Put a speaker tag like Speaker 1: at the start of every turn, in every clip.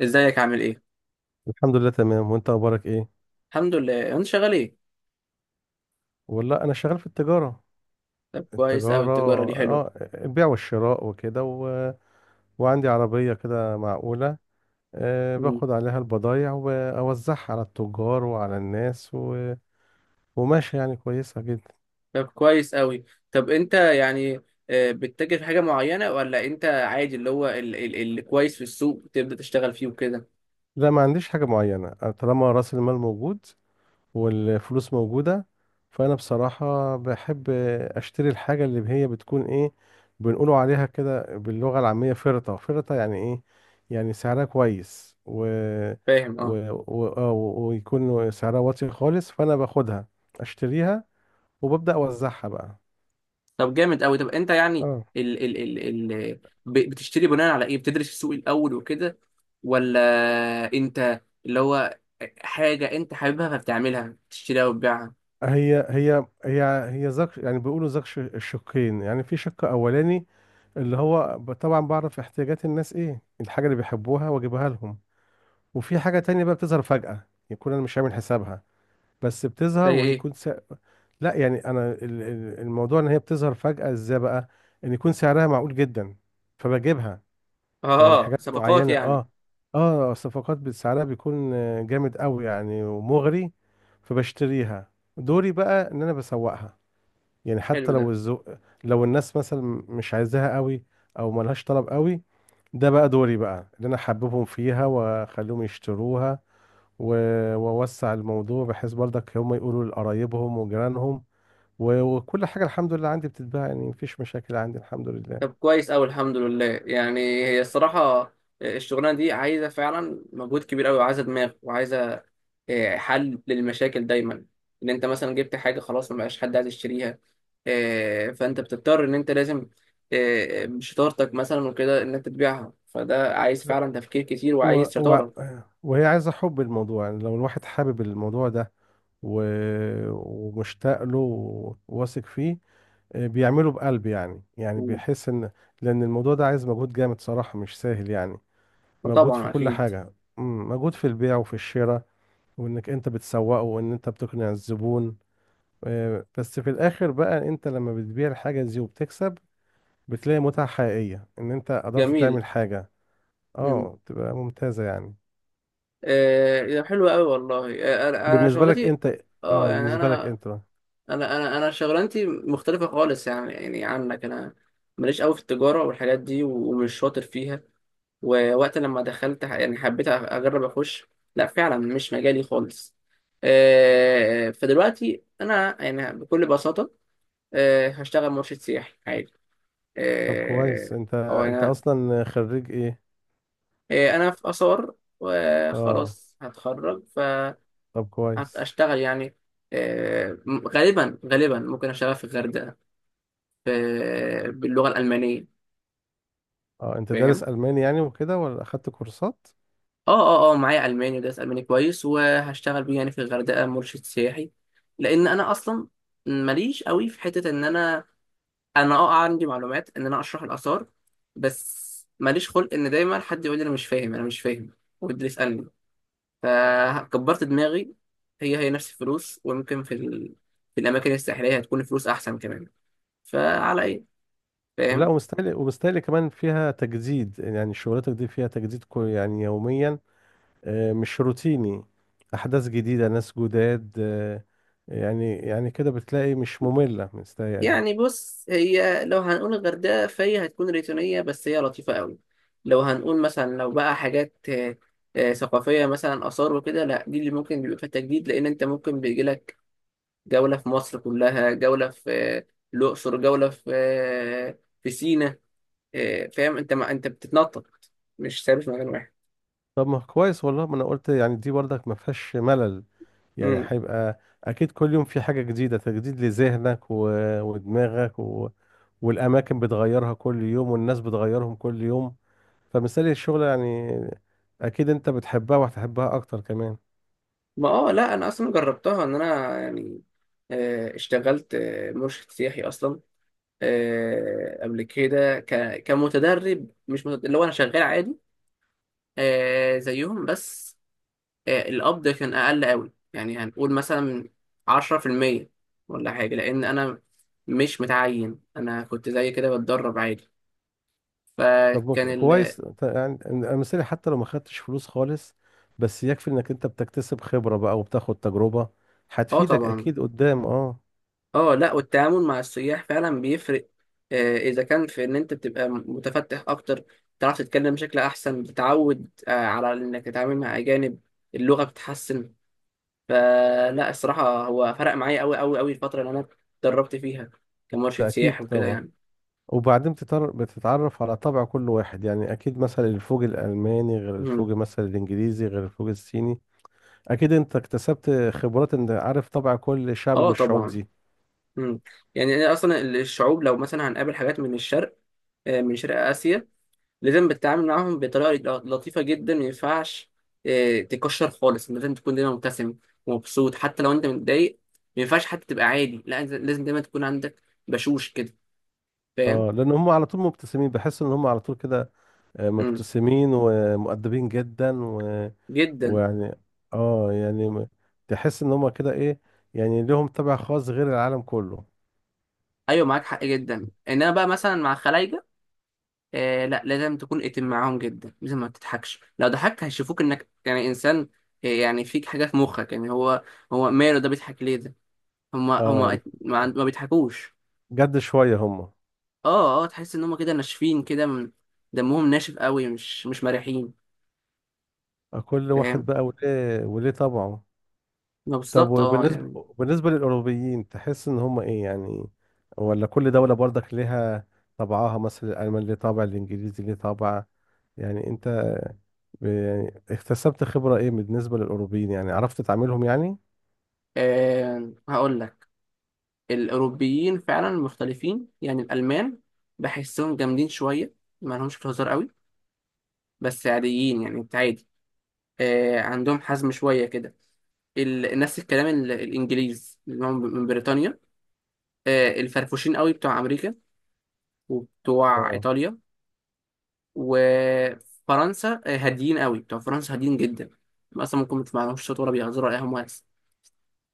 Speaker 1: ازيك؟ عامل ايه؟
Speaker 2: الحمد لله تمام، وانت اخبارك ايه؟
Speaker 1: الحمد لله. انت شغال ايه؟
Speaker 2: والله انا شغال في التجاره.
Speaker 1: طب كويس قوي،
Speaker 2: التجاره.
Speaker 1: التجاره دي حلوه.
Speaker 2: اه، البيع والشراء وكده وعندي عربيه كده معقوله. أه،
Speaker 1: مم.
Speaker 2: باخد عليها البضايع واوزعها على التجار وعلى الناس وماشي يعني كويسه جدا.
Speaker 1: طب كويس قوي. طب انت يعني بتتاجر في حاجه معينه، ولا انت عادي اللي هو اللي كويس في السوق تبدا تشتغل فيه وكده؟
Speaker 2: لا، ما عنديش حاجه معينه، أنا طالما راس المال موجود والفلوس موجودة، فأنا بصراحة بحب أشتري الحاجة اللي هي بتكون إيه، بنقولوا عليها كده باللغة العامية فرطة فرطة، يعني إيه؟ يعني سعرها كويس
Speaker 1: فاهم.
Speaker 2: و...
Speaker 1: اه.
Speaker 2: ويكون سعرها واطي خالص، فأنا باخدها أشتريها وببدأ أوزعها بقى.
Speaker 1: طب جامد قوي. طب انت يعني
Speaker 2: اه،
Speaker 1: ال ال ال ال بتشتري بناء على ايه؟ بتدرس السوق الاول وكده، ولا انت اللي هو حاجه انت حاببها فبتعملها بتشتريها وتبيعها؟
Speaker 2: هي هي هي هي زك، يعني بيقولوا زك الشقين، يعني في شق أولاني اللي هو طبعا بعرف احتياجات الناس، إيه الحاجة اللي بيحبوها وأجيبها لهم. وفي حاجة تانية بقى بتظهر فجأة، يكون أنا مش عامل حسابها، بس
Speaker 1: ده
Speaker 2: بتظهر
Speaker 1: ايه؟
Speaker 2: وهيكون لا، يعني أنا الموضوع إن هي بتظهر فجأة إزاي بقى، إن يكون سعرها معقول جدا فبجيبها، يعني
Speaker 1: اه،
Speaker 2: حاجات
Speaker 1: صفقات
Speaker 2: معينة.
Speaker 1: يعني.
Speaker 2: آه، آه، الصفقات سعرها بيكون جامد قوي يعني، ومغري، فبشتريها، دوري بقى إن أنا بسوقها، يعني
Speaker 1: حلو
Speaker 2: حتى لو
Speaker 1: ده.
Speaker 2: الذوق، لو الناس مثلا مش عايزاها قوي أو ملهاش طلب قوي، ده بقى دوري بقى اللي أنا حببهم فيها وأخليهم يشتروها، ووسع الموضوع بحيث برضك هم يقولوا لقرايبهم وجيرانهم، وكل حاجة الحمد لله عندي بتتباع، يعني مفيش مشاكل عندي الحمد لله.
Speaker 1: طب كويس أوي. الحمد لله. يعني هي الصراحة، الشغلانة دي عايزة فعلا مجهود كبير أوي، وعايزة دماغ، وعايزة حل للمشاكل دايما. إن أنت مثلا جبت حاجة خلاص مبقاش حد عايز يشتريها، فأنت بتضطر إن أنت لازم بشطارتك مثلا وكده إن أنت تبيعها. فده عايز
Speaker 2: لا،
Speaker 1: فعلا تفكير كتير
Speaker 2: و...
Speaker 1: وعايز
Speaker 2: و...
Speaker 1: شطارة.
Speaker 2: وهي عايزة حب الموضوع، يعني لو الواحد حابب الموضوع ده و... ومشتاق له، وواثق فيه، بيعمله بقلب، يعني
Speaker 1: مم.
Speaker 2: بيحس ان لان الموضوع ده عايز مجهود جامد صراحة، مش سهل يعني. مجهود في
Speaker 1: فطبعا
Speaker 2: كل
Speaker 1: أكيد.
Speaker 2: حاجة، مجهود في البيع وفي الشراء، وانك انت بتسوقه، وان انت بتقنع الزبون. بس في الاخر بقى انت لما بتبيع الحاجة دي وبتكسب، بتلاقي متعة حقيقية ان انت قدرت
Speaker 1: جميل.
Speaker 2: تعمل حاجة.
Speaker 1: مم.
Speaker 2: اه، تبقى ممتازة يعني.
Speaker 1: حلو أوي والله. أنا
Speaker 2: بالنسبة لك
Speaker 1: شغلتي.
Speaker 2: انت،
Speaker 1: اه،
Speaker 2: اه،
Speaker 1: يعني
Speaker 2: بالنسبة لك
Speaker 1: انا
Speaker 2: انت بقى.
Speaker 1: انا انا انا شغلانتي مختلفه خالص، يعني عنك. انا ماليش قوي في التجاره والحاجات دي، و- ومش شاطر فيها. ووقت لما دخلت يعني حبيت اجرب اخش. لا، فعلا مش مجالي خالص. فدلوقتي انا يعني بكل بساطه هشتغل مرشد سياحي عادي.
Speaker 2: طب كويس،
Speaker 1: آه،
Speaker 2: انت
Speaker 1: او
Speaker 2: انت
Speaker 1: انا.
Speaker 2: اصلا خريج ايه؟
Speaker 1: انا في اثار،
Speaker 2: اه،
Speaker 1: وخلاص هتخرج.
Speaker 2: طب كويس.
Speaker 1: فهشتغل يعني. آه، غالبا غالبا ممكن اشتغل في الغردقه، باللغة الألمانية.
Speaker 2: اه، انت دارس
Speaker 1: فاهم.
Speaker 2: الماني يعني وكده ولا اخدت كورسات؟
Speaker 1: اه. اه، اه، معايا ألماني ودرس ألماني كويس، وهشتغل بيه يعني في الغردقة مرشد سياحي. لأن أنا أصلا ماليش قوي في حتة إن أنا عندي معلومات إن أنا أشرح الآثار. بس ماليش خلق إن دايما حد يقول لي أنا مش فاهم، أنا مش فاهم، ويبدأ يسألني. فكبرت دماغي. هي نفس الفلوس، ويمكن في في الأماكن الساحلية هتكون الفلوس أحسن كمان. فعلى إيه.
Speaker 2: لا،
Speaker 1: فاهم.
Speaker 2: ومستاهل، ومستاهل كمان فيها تجديد، يعني شغلتك دي فيها تجديد كل يعني يوميا، مش روتيني، احداث جديده، ناس جداد، يعني كده بتلاقي مش ممله، مستاهل.
Speaker 1: يعني بص، هي لو هنقول الغردقة فهي هتكون ريتونية، بس هي لطيفة قوي. لو هنقول مثلا، لو بقى حاجات ثقافية مثلا آثار وكده، لا، دي اللي ممكن بيبقى فيها تجديد. لأن أنت ممكن بيجيلك جولة في مصر كلها، جولة في الأقصر، جولة في في سينا. فاهم أنت، ما أنت بتتنطط، مش ثابت في مكان واحد.
Speaker 2: طب ما كويس والله، ما انا قلت يعني دي برضك ما فيهاش ملل، يعني
Speaker 1: مم.
Speaker 2: هيبقى اكيد كل يوم في حاجه جديده، تجديد لذهنك ودماغك والاماكن بتغيرها كل يوم، والناس بتغيرهم كل يوم، فمثال الشغل يعني، اكيد انت بتحبها وهتحبها اكتر كمان.
Speaker 1: ما اه، لا أنا أصلا جربتها. إن أنا يعني اشتغلت مرشد سياحي أصلا قبل كده كمتدرب. مش متدرب، اللي هو انا شغال عادي زيهم بس. القبض كان اقل قوي، يعني هنقول مثلا 10% ولا حاجه، لان انا مش متعين، انا كنت زي كده بتدرب عادي.
Speaker 2: طب
Speaker 1: فكان.
Speaker 2: كويس يعني مثالي، حتى لو ما خدتش فلوس خالص، بس يكفي انك انت بتكتسب خبرة بقى، وبتاخد تجربة
Speaker 1: اه
Speaker 2: هتفيدك
Speaker 1: طبعا.
Speaker 2: اكيد قدام، اه.
Speaker 1: اه، لا، والتعامل مع السياح فعلا بيفرق. اذا كان في ان انت بتبقى متفتح اكتر، بتعرف تتكلم بشكل احسن، بتتعود على انك تتعامل مع اجانب. اللغه بتتحسن. فلا، الصراحة هو فرق معايا أوي أوي أوي الفترة اللي أنا اتدربت فيها كمرشد
Speaker 2: ده اكيد
Speaker 1: سياحي وكده
Speaker 2: طبعا،
Speaker 1: يعني.
Speaker 2: وبعدين بتتعرف على طبع كل واحد، يعني اكيد مثلا الفوج الالماني غير
Speaker 1: مم.
Speaker 2: الفوج مثلا الانجليزي غير الفوج الصيني، اكيد انت اكتسبت خبرات ان عارف طبع كل شعب من
Speaker 1: اه
Speaker 2: الشعوب
Speaker 1: طبعا.
Speaker 2: دي.
Speaker 1: مم. يعني أنا أصلا الشعوب، لو مثلا هنقابل حاجات من الشرق، من شرق آسيا، لازم بتتعامل معاهم بطريقة لطيفة جدا. ما ينفعش تكشر خالص، لازم تكون دايما مبتسم ومبسوط حتى لو أنت متضايق. ما ينفعش حتى تبقى عادي. لا، أنت لازم دايما تكون عندك بشوش كده. فاهم.
Speaker 2: اه، لان هم على طول مبتسمين، بحس ان هم على طول كده،
Speaker 1: مم.
Speaker 2: مبتسمين ومؤدبين جدا.
Speaker 1: جدا.
Speaker 2: ويعني، اه يعني تحس ان هما كده ايه، يعني لهم طبع خاص غير العالم كله.
Speaker 1: أيوه، معاك حق جدا. إنما بقى مثلا مع خلايجة، لا، لازم تكون اتم معاهم جدا، لازم ما تضحكش. لو ضحكت هيشوفوك انك يعني انسان، يعني فيك حاجه في مخك. يعني هو ماله ده، بيضحك ليه ده؟ هما
Speaker 2: اه،
Speaker 1: ما بيضحكوش.
Speaker 2: جد شوية هما،
Speaker 1: اه، اه، تحس ان هما كده ناشفين كده، دمهم ناشف قوي، مش مرحين.
Speaker 2: كل واحد
Speaker 1: فاهم.
Speaker 2: بقى وليه وليه طبعه.
Speaker 1: ما
Speaker 2: طب،
Speaker 1: بالظبط، اه يعني.
Speaker 2: وبالنسبة للأوروبيين تحس ان هما ايه يعني، ولا كل دولة برضك ليها طبعها، مثلا الألمان ليه طابع، الإنجليزي ليه طابع؟ يعني انت يعني اكتسبت خبرة ايه بالنسبة للأوروبيين، يعني عرفت تعاملهم يعني؟
Speaker 1: هقول لك. الاوروبيين فعلا مختلفين. يعني الالمان بحسهم جامدين شويه، ما لهمش في الهزار قوي، بس عاديين، يعني انت عادي. عندهم حزم شويه كده. نفس الكلام. الانجليز اللي هم من بريطانيا، الفرفوشين قوي بتوع امريكا وبتوع
Speaker 2: اه،
Speaker 1: ايطاليا وفرنسا. هاديين قوي بتوع فرنسا، هاديين جدا. اصلا ممكن ما تسمعلهمش صوت، ولا بيهزروا ولا اي، هم وهس.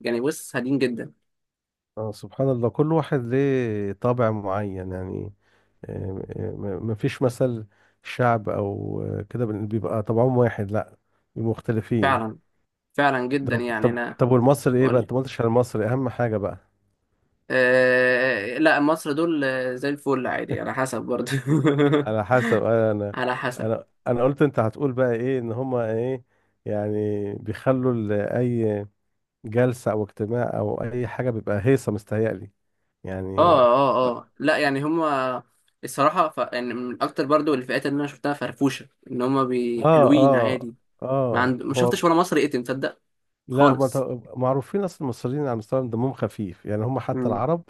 Speaker 1: يعني بص، هاديين جدا.
Speaker 2: اه، سبحان الله، كل واحد ليه طابع معين يعني، ما فيش مثل شعب او كده بيبقى طبعهم واحد، لا، بيبقوا مختلفين.
Speaker 1: فعلا. فعلا جدا
Speaker 2: طب،
Speaker 1: يعني
Speaker 2: طب،
Speaker 1: انا.
Speaker 2: طب، والمصري ايه
Speaker 1: اقول
Speaker 2: بقى؟
Speaker 1: لك.
Speaker 2: انت ما قلتش على المصري، اهم حاجه بقى.
Speaker 1: أه، لا مصر دول زي الفل، عادي على حسب برضه.
Speaker 2: على حسب، انا انا
Speaker 1: على حسب.
Speaker 2: انا انا قلت انت هتقول بقى ايه، ان هما ايه، يعني بيخلوا اي جلسه او اجتماع او اي حاجه بيبقى هيصه مستهيألي يعني.
Speaker 1: اه، اه، اه، لا يعني هما الصراحة يعني من أكتر برضو الفئات اللي أنا شفتها فرفوشة، إن هما
Speaker 2: اه،
Speaker 1: حلوين
Speaker 2: اه،
Speaker 1: عادي.
Speaker 2: اه،
Speaker 1: ما
Speaker 2: هو
Speaker 1: شفتش ولا مصري يتم تصدق
Speaker 2: لا، هم
Speaker 1: خالص.
Speaker 2: معروفين اصلا، المصريين على مستوى دمهم خفيف، يعني هم حتى
Speaker 1: مم.
Speaker 2: العرب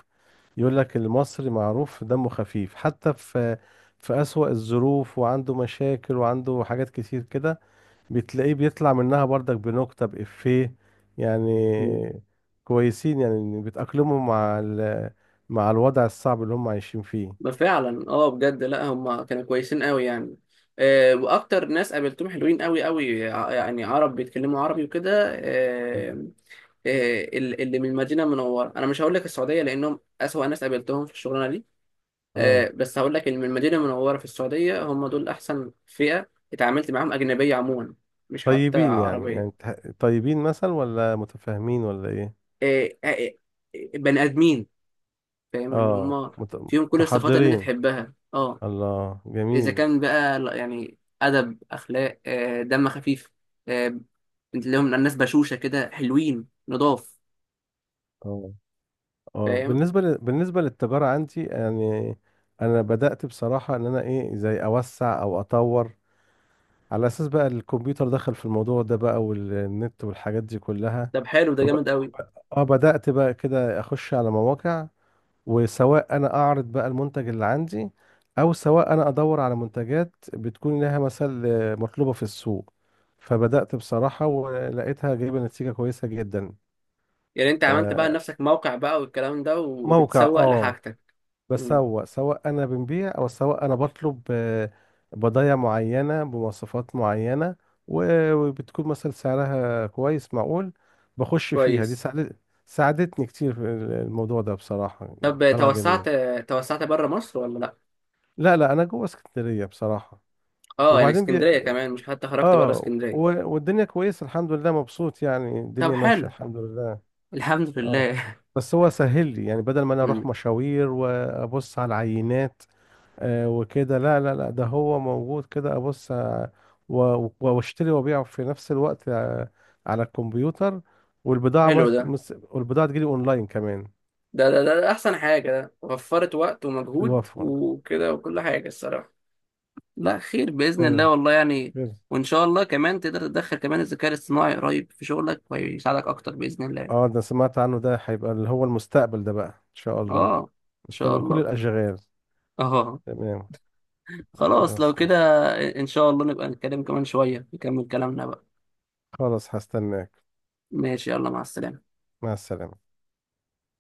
Speaker 2: يقول لك المصري معروف دمه خفيف، حتى في أسوأ الظروف وعنده مشاكل وعنده حاجات كتير كده، بتلاقيه بيطلع منها برضك بنكتة بإفيه يعني.
Speaker 1: مم.
Speaker 2: كويسين، يعني بيتأقلموا مع الوضع الصعب اللي هم عايشين فيه.
Speaker 1: ده فعلا، اه بجد. لا، هما كانوا كويسين قوي يعني. وأكتر ناس قابلتهم حلوين قوي قوي، يعني عرب بيتكلموا عربي وكده. آه اللي من المدينة المنورة، أنا مش هقول لك السعودية لأنهم أسوأ ناس قابلتهم في الشغلانة دي.
Speaker 2: اه،
Speaker 1: بس هقول لك ان من المدينه المنوره في السعوديه، هم دول احسن فئه اتعاملت معاهم اجنبيه عموما، مش حتى
Speaker 2: طيبين يعني،
Speaker 1: عربيه.
Speaker 2: طيبين مثلا، ولا متفاهمين، ولا ايه؟
Speaker 1: آه، آه، بني ادمين. فاهم ان
Speaker 2: اه،
Speaker 1: هم فيهم كل الصفات اللي انت
Speaker 2: متحضرين،
Speaker 1: تحبها، اه.
Speaker 2: الله
Speaker 1: اذا
Speaker 2: جميل.
Speaker 1: كان بقى يعني ادب، اخلاق، دم خفيف، آه، لهم الناس بشوشه كده، حلوين نضاف.
Speaker 2: اه، اه،
Speaker 1: فاهم.
Speaker 2: بالنسبة للتجارة عندي يعني، أنا بدأت بصراحة إن أنا إيه، زي أوسع أو أطور، على أساس بقى الكمبيوتر دخل في الموضوع ده بقى، والنت والحاجات دي كلها،
Speaker 1: طب حلو ده،
Speaker 2: فب...
Speaker 1: جامد قوي.
Speaker 2: اه، بدأت بقى كده أخش على مواقع، وسواء أنا أعرض بقى المنتج اللي عندي، أو سواء أنا أدور على منتجات بتكون لها مثل مطلوبة في السوق، فبدأت بصراحة ولقيتها جايبة نتيجة كويسة جدا.
Speaker 1: يعني انت عملت بقى لنفسك موقع بقى والكلام ده،
Speaker 2: فموقع،
Speaker 1: وبتسوق
Speaker 2: اه،
Speaker 1: لحاجتك؟ مم.
Speaker 2: بسوق، سواء انا بنبيع او سواء انا بطلب، بضايع معينه بمواصفات معينه، وبتكون مثلا سعرها كويس معقول، بخش فيها، دي
Speaker 1: كويس.
Speaker 2: ساعدت، ساعدتني كتير في الموضوع ده بصراحه.
Speaker 1: طب
Speaker 2: طلع جميل.
Speaker 1: توسعت؟ توسعت بره مصر ولا لا؟
Speaker 2: لا، لا، انا جوه اسكندريه بصراحه،
Speaker 1: اه، يعني
Speaker 2: وبعدين
Speaker 1: اسكندريه كمان، مش حتى خرجت بره
Speaker 2: اه،
Speaker 1: اسكندريه.
Speaker 2: والدنيا كويسه الحمد لله، مبسوط يعني،
Speaker 1: طب
Speaker 2: الدنيا ماشيه
Speaker 1: حلو.
Speaker 2: الحمد لله.
Speaker 1: الحمد
Speaker 2: اه،
Speaker 1: لله.
Speaker 2: بس هو سهل لي يعني، بدل ما انا اروح
Speaker 1: مم.
Speaker 2: مشاوير وابص على العينات، وكده، لا، لا، لا، ده هو موجود كده، ابص، واشتري وابيع في نفس الوقت، على الكمبيوتر، والبضاعة
Speaker 1: حلو ده
Speaker 2: والبضاعة تجيلي اونلاين كمان،
Speaker 1: ده ده, ده, ده احسن حاجه. ده وفرت وقت ومجهود
Speaker 2: بيوفر،
Speaker 1: وكده وكل حاجه الصراحه. لا خير باذن الله
Speaker 2: تمام.
Speaker 1: والله يعني.
Speaker 2: غير-
Speaker 1: وان شاء الله كمان تقدر تدخل كمان الذكاء الاصطناعي قريب في شغلك، ويساعدك اكتر باذن الله.
Speaker 2: اه، ده سمعت عنه، ده هيبقى اللي هو المستقبل ده بقى ان شاء الله،
Speaker 1: اه، ان شاء
Speaker 2: مستقبل كل
Speaker 1: الله.
Speaker 2: الاشغال.
Speaker 1: اه.
Speaker 2: تمام،
Speaker 1: خلاص لو
Speaker 2: خلاص،
Speaker 1: كده.
Speaker 2: ماشي،
Speaker 1: ان شاء الله نبقى نتكلم كمان شويه، نكمل كلامنا بقى.
Speaker 2: خلاص، هستناك،
Speaker 1: ماشي، يلا مع السلامه.
Speaker 2: مع السلامة.